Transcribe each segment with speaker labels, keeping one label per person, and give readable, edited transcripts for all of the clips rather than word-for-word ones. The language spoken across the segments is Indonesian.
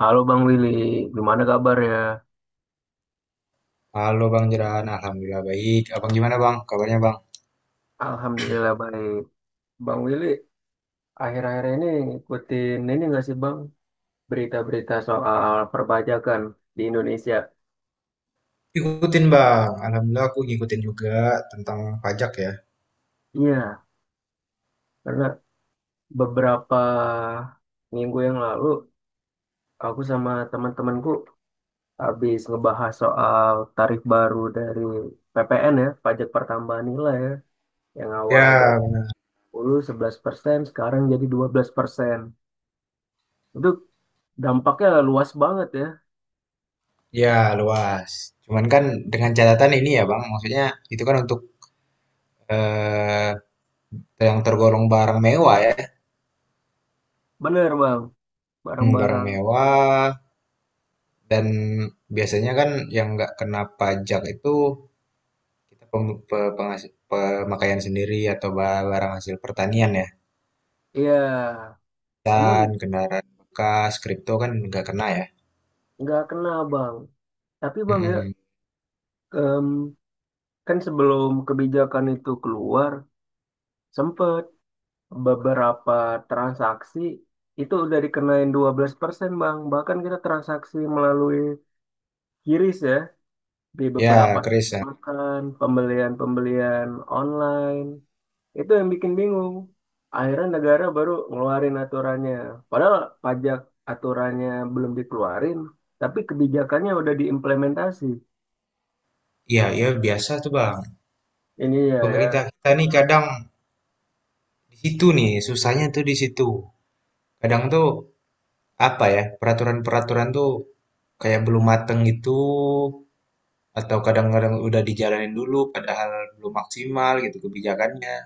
Speaker 1: Halo Bang Willy, gimana kabar ya?
Speaker 2: Halo Bang Jeran, Alhamdulillah baik. Abang gimana Bang? Kabarnya Bang?
Speaker 1: Alhamdulillah baik. Bang Willy, akhir-akhir ini ngikutin ini nggak sih Bang? Berita-berita soal perpajakan di Indonesia.
Speaker 2: Ikutin Bang, Alhamdulillah aku ngikutin juga tentang pajak ya.
Speaker 1: Iya, karena beberapa minggu yang lalu aku sama teman-temanku habis ngebahas soal tarif baru dari PPN ya, pajak pertambahan nilai ya, yang awalnya dari
Speaker 2: Ya,
Speaker 1: 10% sekarang jadi 12%. Itu dampaknya luas banget ya.
Speaker 2: ya luas. Cuman kan dengan catatan ini ya Bang, maksudnya itu kan untuk eh, yang tergolong barang mewah ya.
Speaker 1: Bener Bang,
Speaker 2: Hmm, barang
Speaker 1: barang-barang.
Speaker 2: mewah dan biasanya kan yang nggak kena pajak itu kita pemakaian sendiri atau barang hasil pertanian ya.
Speaker 1: Iya, namun
Speaker 2: Dan kendaraan bekas, kripto kan nggak kena ya.
Speaker 1: nggak kena bang. Tapi bang ya,
Speaker 2: Mm-mm.
Speaker 1: em, kan sebelum kebijakan itu keluar, sempet beberapa transaksi itu udah dikenain 12% bang. Bahkan kita transaksi melalui kiris ya, di beberapa
Speaker 2: Ya, keris ya.
Speaker 1: makan, pembelian-pembelian online. Itu yang bikin bingung. Akhirnya negara baru ngeluarin aturannya. Padahal pajak aturannya belum dikeluarin, tapi kebijakannya udah diimplementasi.
Speaker 2: Iya, ya biasa tuh Bang.
Speaker 1: Ini ya
Speaker 2: Pemerintah
Speaker 1: ya,
Speaker 2: kita nih kadang di situ nih, susahnya tuh di situ. Kadang tuh apa ya, peraturan-peraturan tuh kayak belum mateng gitu, atau kadang-kadang udah dijalanin dulu padahal belum maksimal gitu kebijakannya.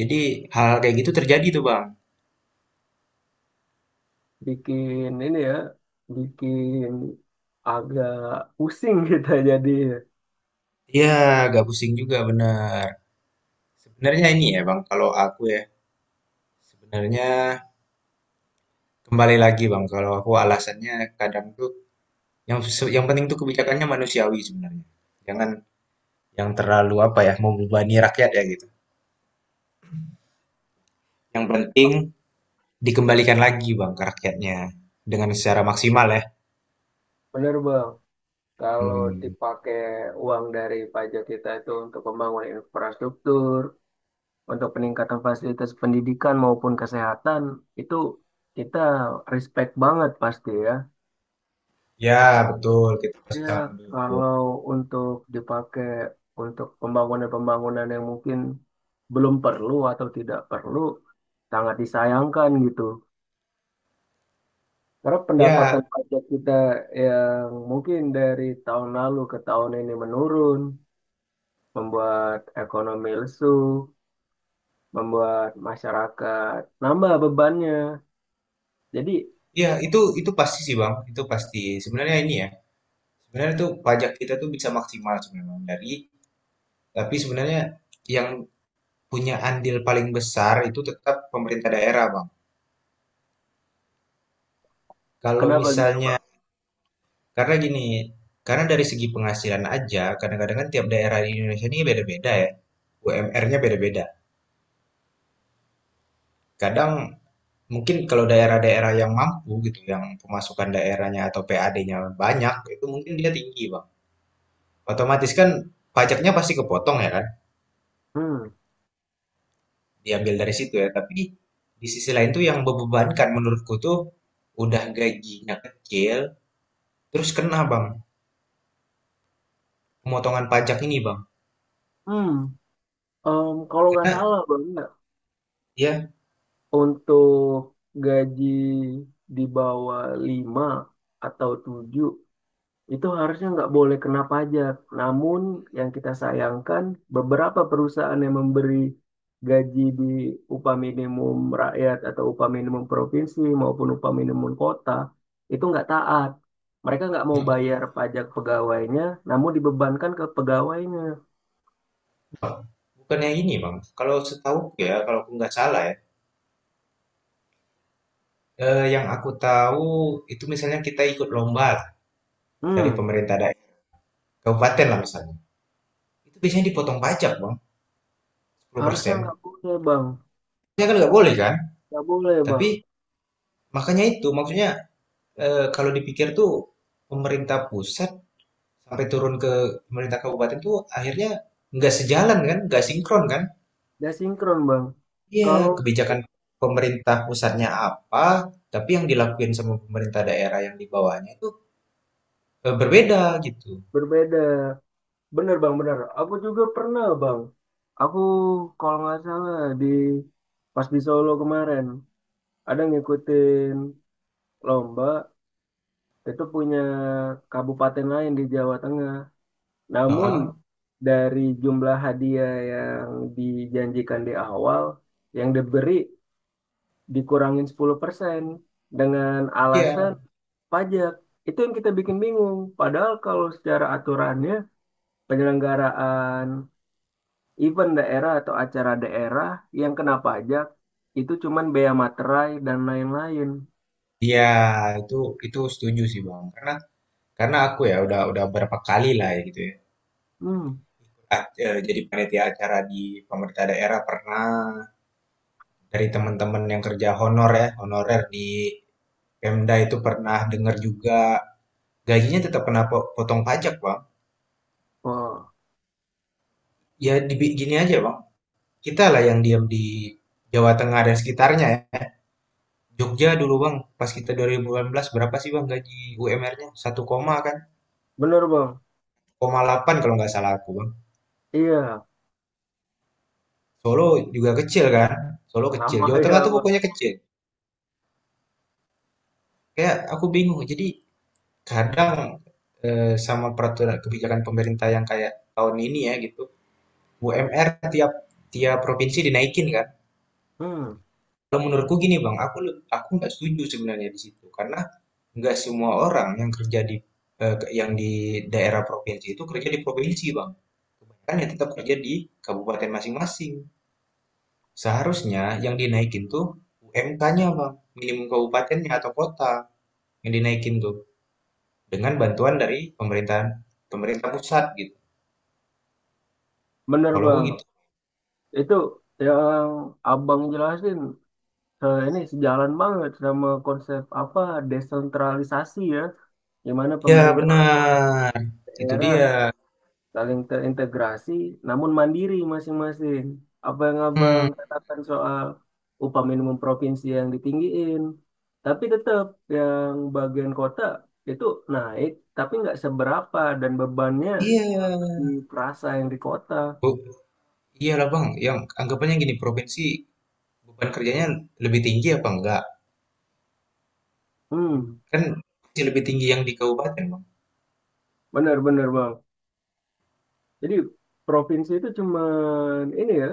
Speaker 2: Jadi hal kayak gitu terjadi tuh Bang.
Speaker 1: bikin ini ya, bikin agak pusing kita jadi.
Speaker 2: Iya, agak pusing juga bener. Sebenarnya ini ya Bang, kalau aku ya, sebenarnya kembali lagi Bang, kalau aku alasannya kadang tuh yang penting tuh kebijakannya manusiawi sebenarnya. Jangan yang terlalu apa ya, membebani rakyat ya gitu. Yang penting dikembalikan lagi bang ke rakyatnya dengan secara maksimal ya.
Speaker 1: Bener Bang, kalau
Speaker 2: Hmm.
Speaker 1: dipakai uang dari pajak kita itu untuk pembangunan infrastruktur, untuk peningkatan fasilitas pendidikan maupun kesehatan, itu kita respect banget pasti ya.
Speaker 2: Ya betul, kita pasti
Speaker 1: Ya,
Speaker 2: sangat mendukung.
Speaker 1: kalau untuk dipakai untuk pembangunan-pembangunan yang mungkin belum perlu atau tidak perlu, sangat disayangkan gitu. Karena pendapatan
Speaker 2: Ya,
Speaker 1: pajak kita yang mungkin dari tahun lalu ke tahun ini menurun, membuat ekonomi lesu, membuat masyarakat nambah bebannya. Jadi,
Speaker 2: ya itu pasti sih bang, itu pasti. Sebenarnya ini ya, sebenarnya tuh pajak kita tuh bisa maksimal sebenarnya Bang. Tapi sebenarnya yang punya andil paling besar itu tetap pemerintah daerah bang. Kalau
Speaker 1: kenapa gitu,
Speaker 2: misalnya
Speaker 1: Bang?
Speaker 2: Karena gini, karena dari segi penghasilan aja, kadang-kadang kan tiap daerah di Indonesia ini beda-beda ya. UMR-nya beda-beda. Kadang mungkin kalau daerah-daerah yang mampu gitu, yang pemasukan daerahnya atau PAD-nya banyak, itu mungkin dia tinggi, Bang. Otomatis kan pajaknya pasti kepotong ya kan,
Speaker 1: Hmm.
Speaker 2: diambil dari situ ya. Tapi di sisi lain tuh yang membebankan menurutku tuh udah gajinya kecil, terus kena, Bang, pemotongan pajak ini, Bang.
Speaker 1: Hmm. Kalau nggak
Speaker 2: Karena
Speaker 1: salah, Bang, ya,
Speaker 2: ya,
Speaker 1: untuk gaji di bawah 5 atau 7 itu harusnya nggak boleh kena pajak. Namun yang kita sayangkan beberapa perusahaan yang memberi gaji di upah minimum rakyat atau upah minimum provinsi maupun upah minimum kota itu nggak taat. Mereka nggak mau bayar pajak pegawainya, namun dibebankan ke pegawainya.
Speaker 2: bukannya ini, Bang, kalau setahu ya, kalau aku nggak salah ya, yang aku tahu itu misalnya kita ikut lomba dari
Speaker 1: Hmm,
Speaker 2: pemerintah daerah, kabupaten lah misalnya. Itu biasanya dipotong pajak, Bang, sepuluh
Speaker 1: harusnya
Speaker 2: persen
Speaker 1: nggak boleh, Bang.
Speaker 2: Ya kan nggak boleh kan?
Speaker 1: Nggak boleh, Bang.
Speaker 2: Tapi makanya itu, maksudnya kalau dipikir tuh pemerintah pusat sampai turun ke pemerintah kabupaten tuh akhirnya nggak sejalan kan, nggak sinkron kan?
Speaker 1: Nggak sinkron, Bang.
Speaker 2: Iya,
Speaker 1: Kalau
Speaker 2: kebijakan pemerintah pusatnya apa, tapi yang dilakuin sama pemerintah daerah yang di bawahnya itu berbeda gitu.
Speaker 1: berbeda. Bener bang, bener. Aku juga pernah bang. Aku kalau nggak salah di pas di Solo kemarin ada ngikutin lomba itu punya kabupaten lain di Jawa Tengah. Namun
Speaker 2: Heeh.
Speaker 1: dari jumlah hadiah yang dijanjikan di awal yang diberi dikurangin 10% dengan alasan
Speaker 2: Iya.
Speaker 1: pajak. Itu yang kita bikin bingung. Padahal kalau secara aturannya penyelenggaraan event daerah atau acara daerah yang kena pajak itu cuman bea materai dan lain-lain.
Speaker 2: Iya, itu itu setuju sih Bang. Karena aku ya udah berapa kali lah ya gitu ya.
Speaker 1: Hmm,
Speaker 2: Jadi panitia acara di pemerintah daerah pernah dari teman-teman yang kerja honor ya, honorer di Pemda itu pernah dengar juga gajinya tetap kena potong pajak, Bang.
Speaker 1: oh,
Speaker 2: Ya di gini aja, Bang. Kita lah yang diam di Jawa Tengah dan sekitarnya ya. Jogja dulu, Bang. Pas kita 2018 berapa sih, Bang, gaji UMR-nya? 1 koma kan?
Speaker 1: bener bang.
Speaker 2: Delapan kalau nggak salah aku bang.
Speaker 1: Iya,
Speaker 2: Solo juga kecil kan, Solo kecil.
Speaker 1: sama
Speaker 2: Jawa
Speaker 1: ya
Speaker 2: Tengah tuh
Speaker 1: bang.
Speaker 2: pokoknya kecil. Kayak aku bingung. Jadi kadang sama peraturan kebijakan pemerintah yang kayak tahun ini ya gitu, UMR tiap tiap provinsi dinaikin kan.
Speaker 1: Hmm,
Speaker 2: Kalau menurutku gini bang, aku nggak setuju sebenarnya di situ karena nggak semua orang yang kerja di yang di daerah provinsi itu kerja di provinsi bang. Kebanyakan ya tetap kerja di kabupaten masing-masing. Seharusnya yang dinaikin tuh UMK-nya, Bang, minimum kabupatennya atau kota yang dinaikin tuh dengan bantuan dari pemerintah pusat gitu.
Speaker 1: bener
Speaker 2: Kalau aku
Speaker 1: bang.
Speaker 2: gitu.
Speaker 1: Itu yang abang jelasin ini sejalan banget sama konsep apa desentralisasi ya, di mana
Speaker 2: Iya,
Speaker 1: pemerintah
Speaker 2: benar. Itu dia.
Speaker 1: daerah saling terintegrasi namun mandiri masing-masing. Apa yang abang
Speaker 2: Hmm,
Speaker 1: katakan soal upah minimum provinsi yang ditinggiin, tapi tetap yang bagian kota itu naik, tapi nggak seberapa dan bebannya
Speaker 2: iya.
Speaker 1: di perasa yang di kota.
Speaker 2: Bu- Iyalah, Bang, yang anggapannya gini provinsi beban kerjanya lebih tinggi apa enggak?
Speaker 1: Hmm,
Speaker 2: Kan pasti lebih tinggi yang di kabupaten, Bang.
Speaker 1: benar-benar bang. Jadi provinsi itu cuman ini ya,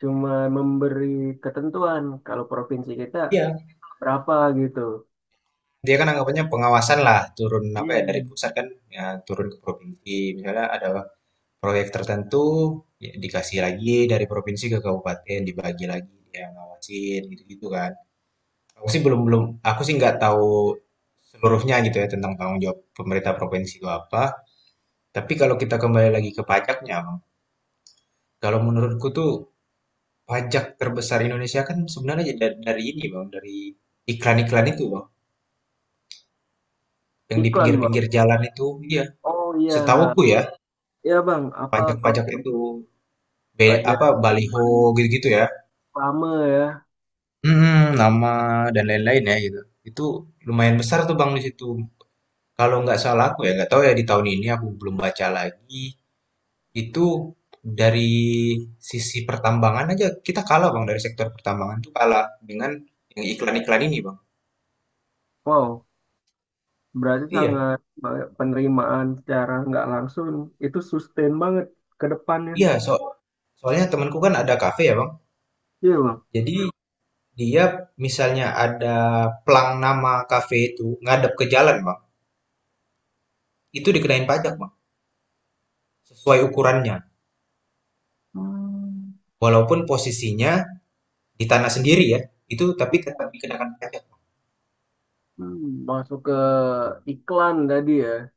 Speaker 1: cuman memberi ketentuan kalau provinsi kita
Speaker 2: Iya,
Speaker 1: berapa gitu.
Speaker 2: dia kan anggapannya pengawasan lah turun apa ya
Speaker 1: Iya.
Speaker 2: dari pusat kan, ya turun ke provinsi misalnya ada proyek tertentu, ya dikasih lagi dari provinsi ke kabupaten, dibagi lagi, dia ngawasin, gitu-gitu kan. Aku sih belum belum, aku sih nggak tahu seluruhnya gitu ya tentang tanggung jawab pemerintah provinsi itu apa. Tapi kalau kita kembali lagi ke pajaknya, Bang. Kalau menurutku tuh pajak terbesar Indonesia kan sebenarnya dari, ini, Bang, dari iklan-iklan itu, Bang. Yang di
Speaker 1: Iklan bang.
Speaker 2: pinggir-pinggir jalan itu, iya.
Speaker 1: Oh iya,
Speaker 2: Setahuku ya,
Speaker 1: iya bang, apa kalau
Speaker 2: pajak-pajak itu
Speaker 1: untuk pajak
Speaker 2: apa baliho
Speaker 1: penerimaan
Speaker 2: gitu-gitu ya.
Speaker 1: pamer?
Speaker 2: Mhm, nama dan lain-lain ya gitu. Itu lumayan besar tuh Bang di situ. Kalau nggak salah aku ya nggak tahu ya di tahun ini aku belum baca lagi. Itu dari sisi pertambangan aja kita kalah Bang dari sektor pertambangan tuh kalah dengan yang iklan-iklan ini Bang.
Speaker 1: Wow, berarti
Speaker 2: Iya,
Speaker 1: sangat banget penerimaan secara nggak langsung itu sustain banget ke depannya.
Speaker 2: iya, soalnya temanku kan ada kafe ya Bang.
Speaker 1: Iya bang.
Speaker 2: Jadi dia misalnya ada plang nama kafe itu ngadep ke jalan Bang. Itu dikenain pajak Bang sesuai ukurannya.
Speaker 1: Hmm.
Speaker 2: Walaupun posisinya di tanah sendiri ya, itu tapi tetap dikenakan pajak.
Speaker 1: Hmm, masuk ke iklan tadi ya.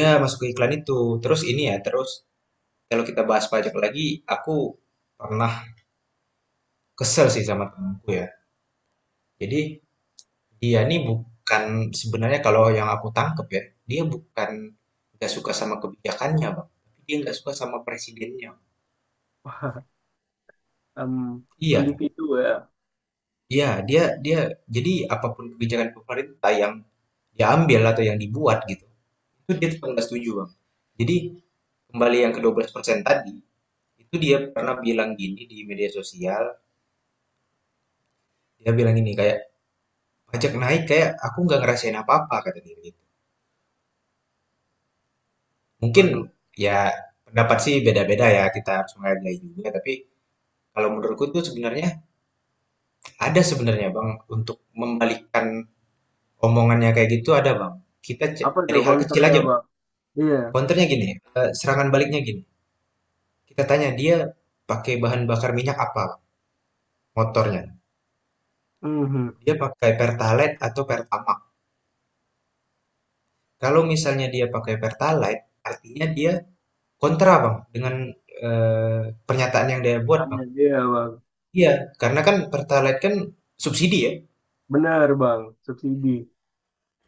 Speaker 2: Ya, masuk ke iklan itu. Terus ini ya, terus kalau kita bahas pajak lagi, aku pernah kesel sih sama temanku ya. Jadi dia nih bukan sebenarnya kalau yang aku tangkep ya, dia bukan nggak suka sama kebijakannya, Bang. Tapi dia nggak suka sama presidennya.
Speaker 1: Wah, em,
Speaker 2: Iya,
Speaker 1: individu ya.
Speaker 2: iya, dia dia jadi apapun kebijakan pemerintah yang diambil atau yang dibuat gitu, itu dia tetap nggak setuju, Bang. Jadi kembali yang ke 12% tadi. Itu dia pernah bilang gini di media sosial, dia bilang gini kayak pajak naik kayak aku nggak ngerasain apa-apa kata dia gitu. Mungkin
Speaker 1: Waduh,
Speaker 2: ya pendapat sih beda-beda ya kita harus menghargai juga tapi kalau menurutku tuh sebenarnya ada sebenarnya Bang untuk membalikkan omongannya kayak gitu ada Bang. Kita
Speaker 1: apa tuh
Speaker 2: dari hal kecil
Speaker 1: counternya
Speaker 2: aja Bang.
Speaker 1: bang? Iya.
Speaker 2: Counternya gini, serangan baliknya gini. Kita tanya dia pakai bahan bakar minyak apa Bang, motornya.
Speaker 1: Mhm,
Speaker 2: Dia pakai Pertalite atau Pertamax. Kalau misalnya dia pakai Pertalite artinya dia kontra, Bang, dengan, pernyataan yang dia buat, Bang.
Speaker 1: tekannya dia bang.
Speaker 2: Iya, karena kan Pertalite kan subsidi ya,
Speaker 1: Benar bang, subsidi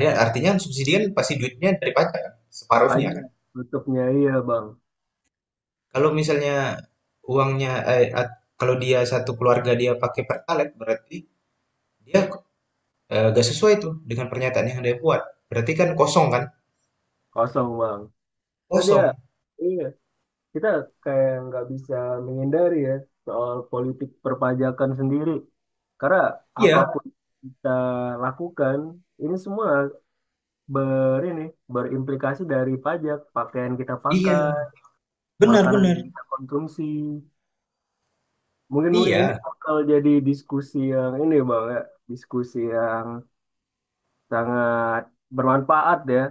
Speaker 2: ya artinya subsidi kan pasti duitnya dari pajak kan, separuhnya kan.
Speaker 1: pajak tutupnya iya bang,
Speaker 2: Kalau misalnya uangnya, eee, at kalau dia satu keluarga dia pakai Pertalite berarti dia, nggak sesuai tuh dengan pernyataan yang dia buat. Berarti kan kosong kan?
Speaker 1: kosong bang. Tadi ya,
Speaker 2: Kosong.
Speaker 1: iya. Kita kayak nggak bisa menghindari ya soal politik perpajakan sendiri. Karena
Speaker 2: Iya
Speaker 1: apapun kita lakukan, ini semua ber ini berimplikasi dari pajak, pakaian kita pakai,
Speaker 2: iya, benar
Speaker 1: makanan
Speaker 2: benar.
Speaker 1: yang kita konsumsi. Mungkin mungkin ini
Speaker 2: Iya
Speaker 1: bakal jadi diskusi yang ini Bang ya, diskusi yang sangat bermanfaat ya.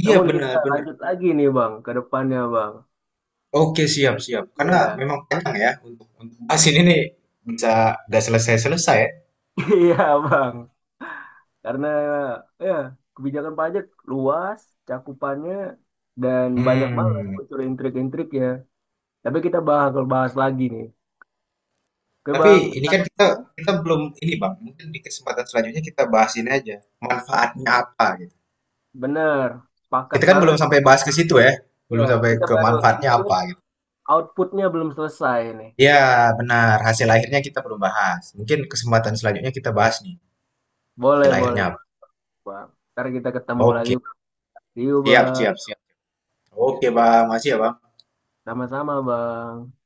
Speaker 2: iya,
Speaker 1: Namun kita
Speaker 2: benar benar.
Speaker 1: lanjut lagi nih Bang ke depannya Bang.
Speaker 2: Oke, siap, siap. Karena
Speaker 1: Iya.
Speaker 2: memang panjang ya untuk bahas ini nih bisa nggak selesai-selesai ya.
Speaker 1: Iya Bang. Karena ya kebijakan pajak luas cakupannya dan banyak banget
Speaker 2: Hmm.
Speaker 1: unsur intrik-intriknya. Tapi kita bakal bahas lagi nih. Oke
Speaker 2: Tapi
Speaker 1: Bang,
Speaker 2: ini
Speaker 1: ntar
Speaker 2: kan kita
Speaker 1: ya
Speaker 2: kita belum ini Bang. Mungkin di kesempatan selanjutnya kita bahas ini aja. Manfaatnya apa gitu.
Speaker 1: bener, sepakat
Speaker 2: Kita kan belum
Speaker 1: banget.
Speaker 2: sampai bahas ke situ ya.
Speaker 1: Ya,
Speaker 2: Belum sampai
Speaker 1: kita
Speaker 2: ke
Speaker 1: baru
Speaker 2: manfaatnya
Speaker 1: input,
Speaker 2: apa gitu.
Speaker 1: outputnya belum selesai nih.
Speaker 2: Ya, benar. Hasil akhirnya kita belum bahas. Mungkin kesempatan selanjutnya kita bahas nih.
Speaker 1: Boleh,
Speaker 2: Hasil
Speaker 1: boleh
Speaker 2: akhirnya apa.
Speaker 1: Bang. Ntar kita ketemu lagi.
Speaker 2: Oke.
Speaker 1: See you
Speaker 2: Siap,
Speaker 1: Bang.
Speaker 2: siap, siap. Oke, Bang. Masih ya, Bang.
Speaker 1: Sama-sama Bang.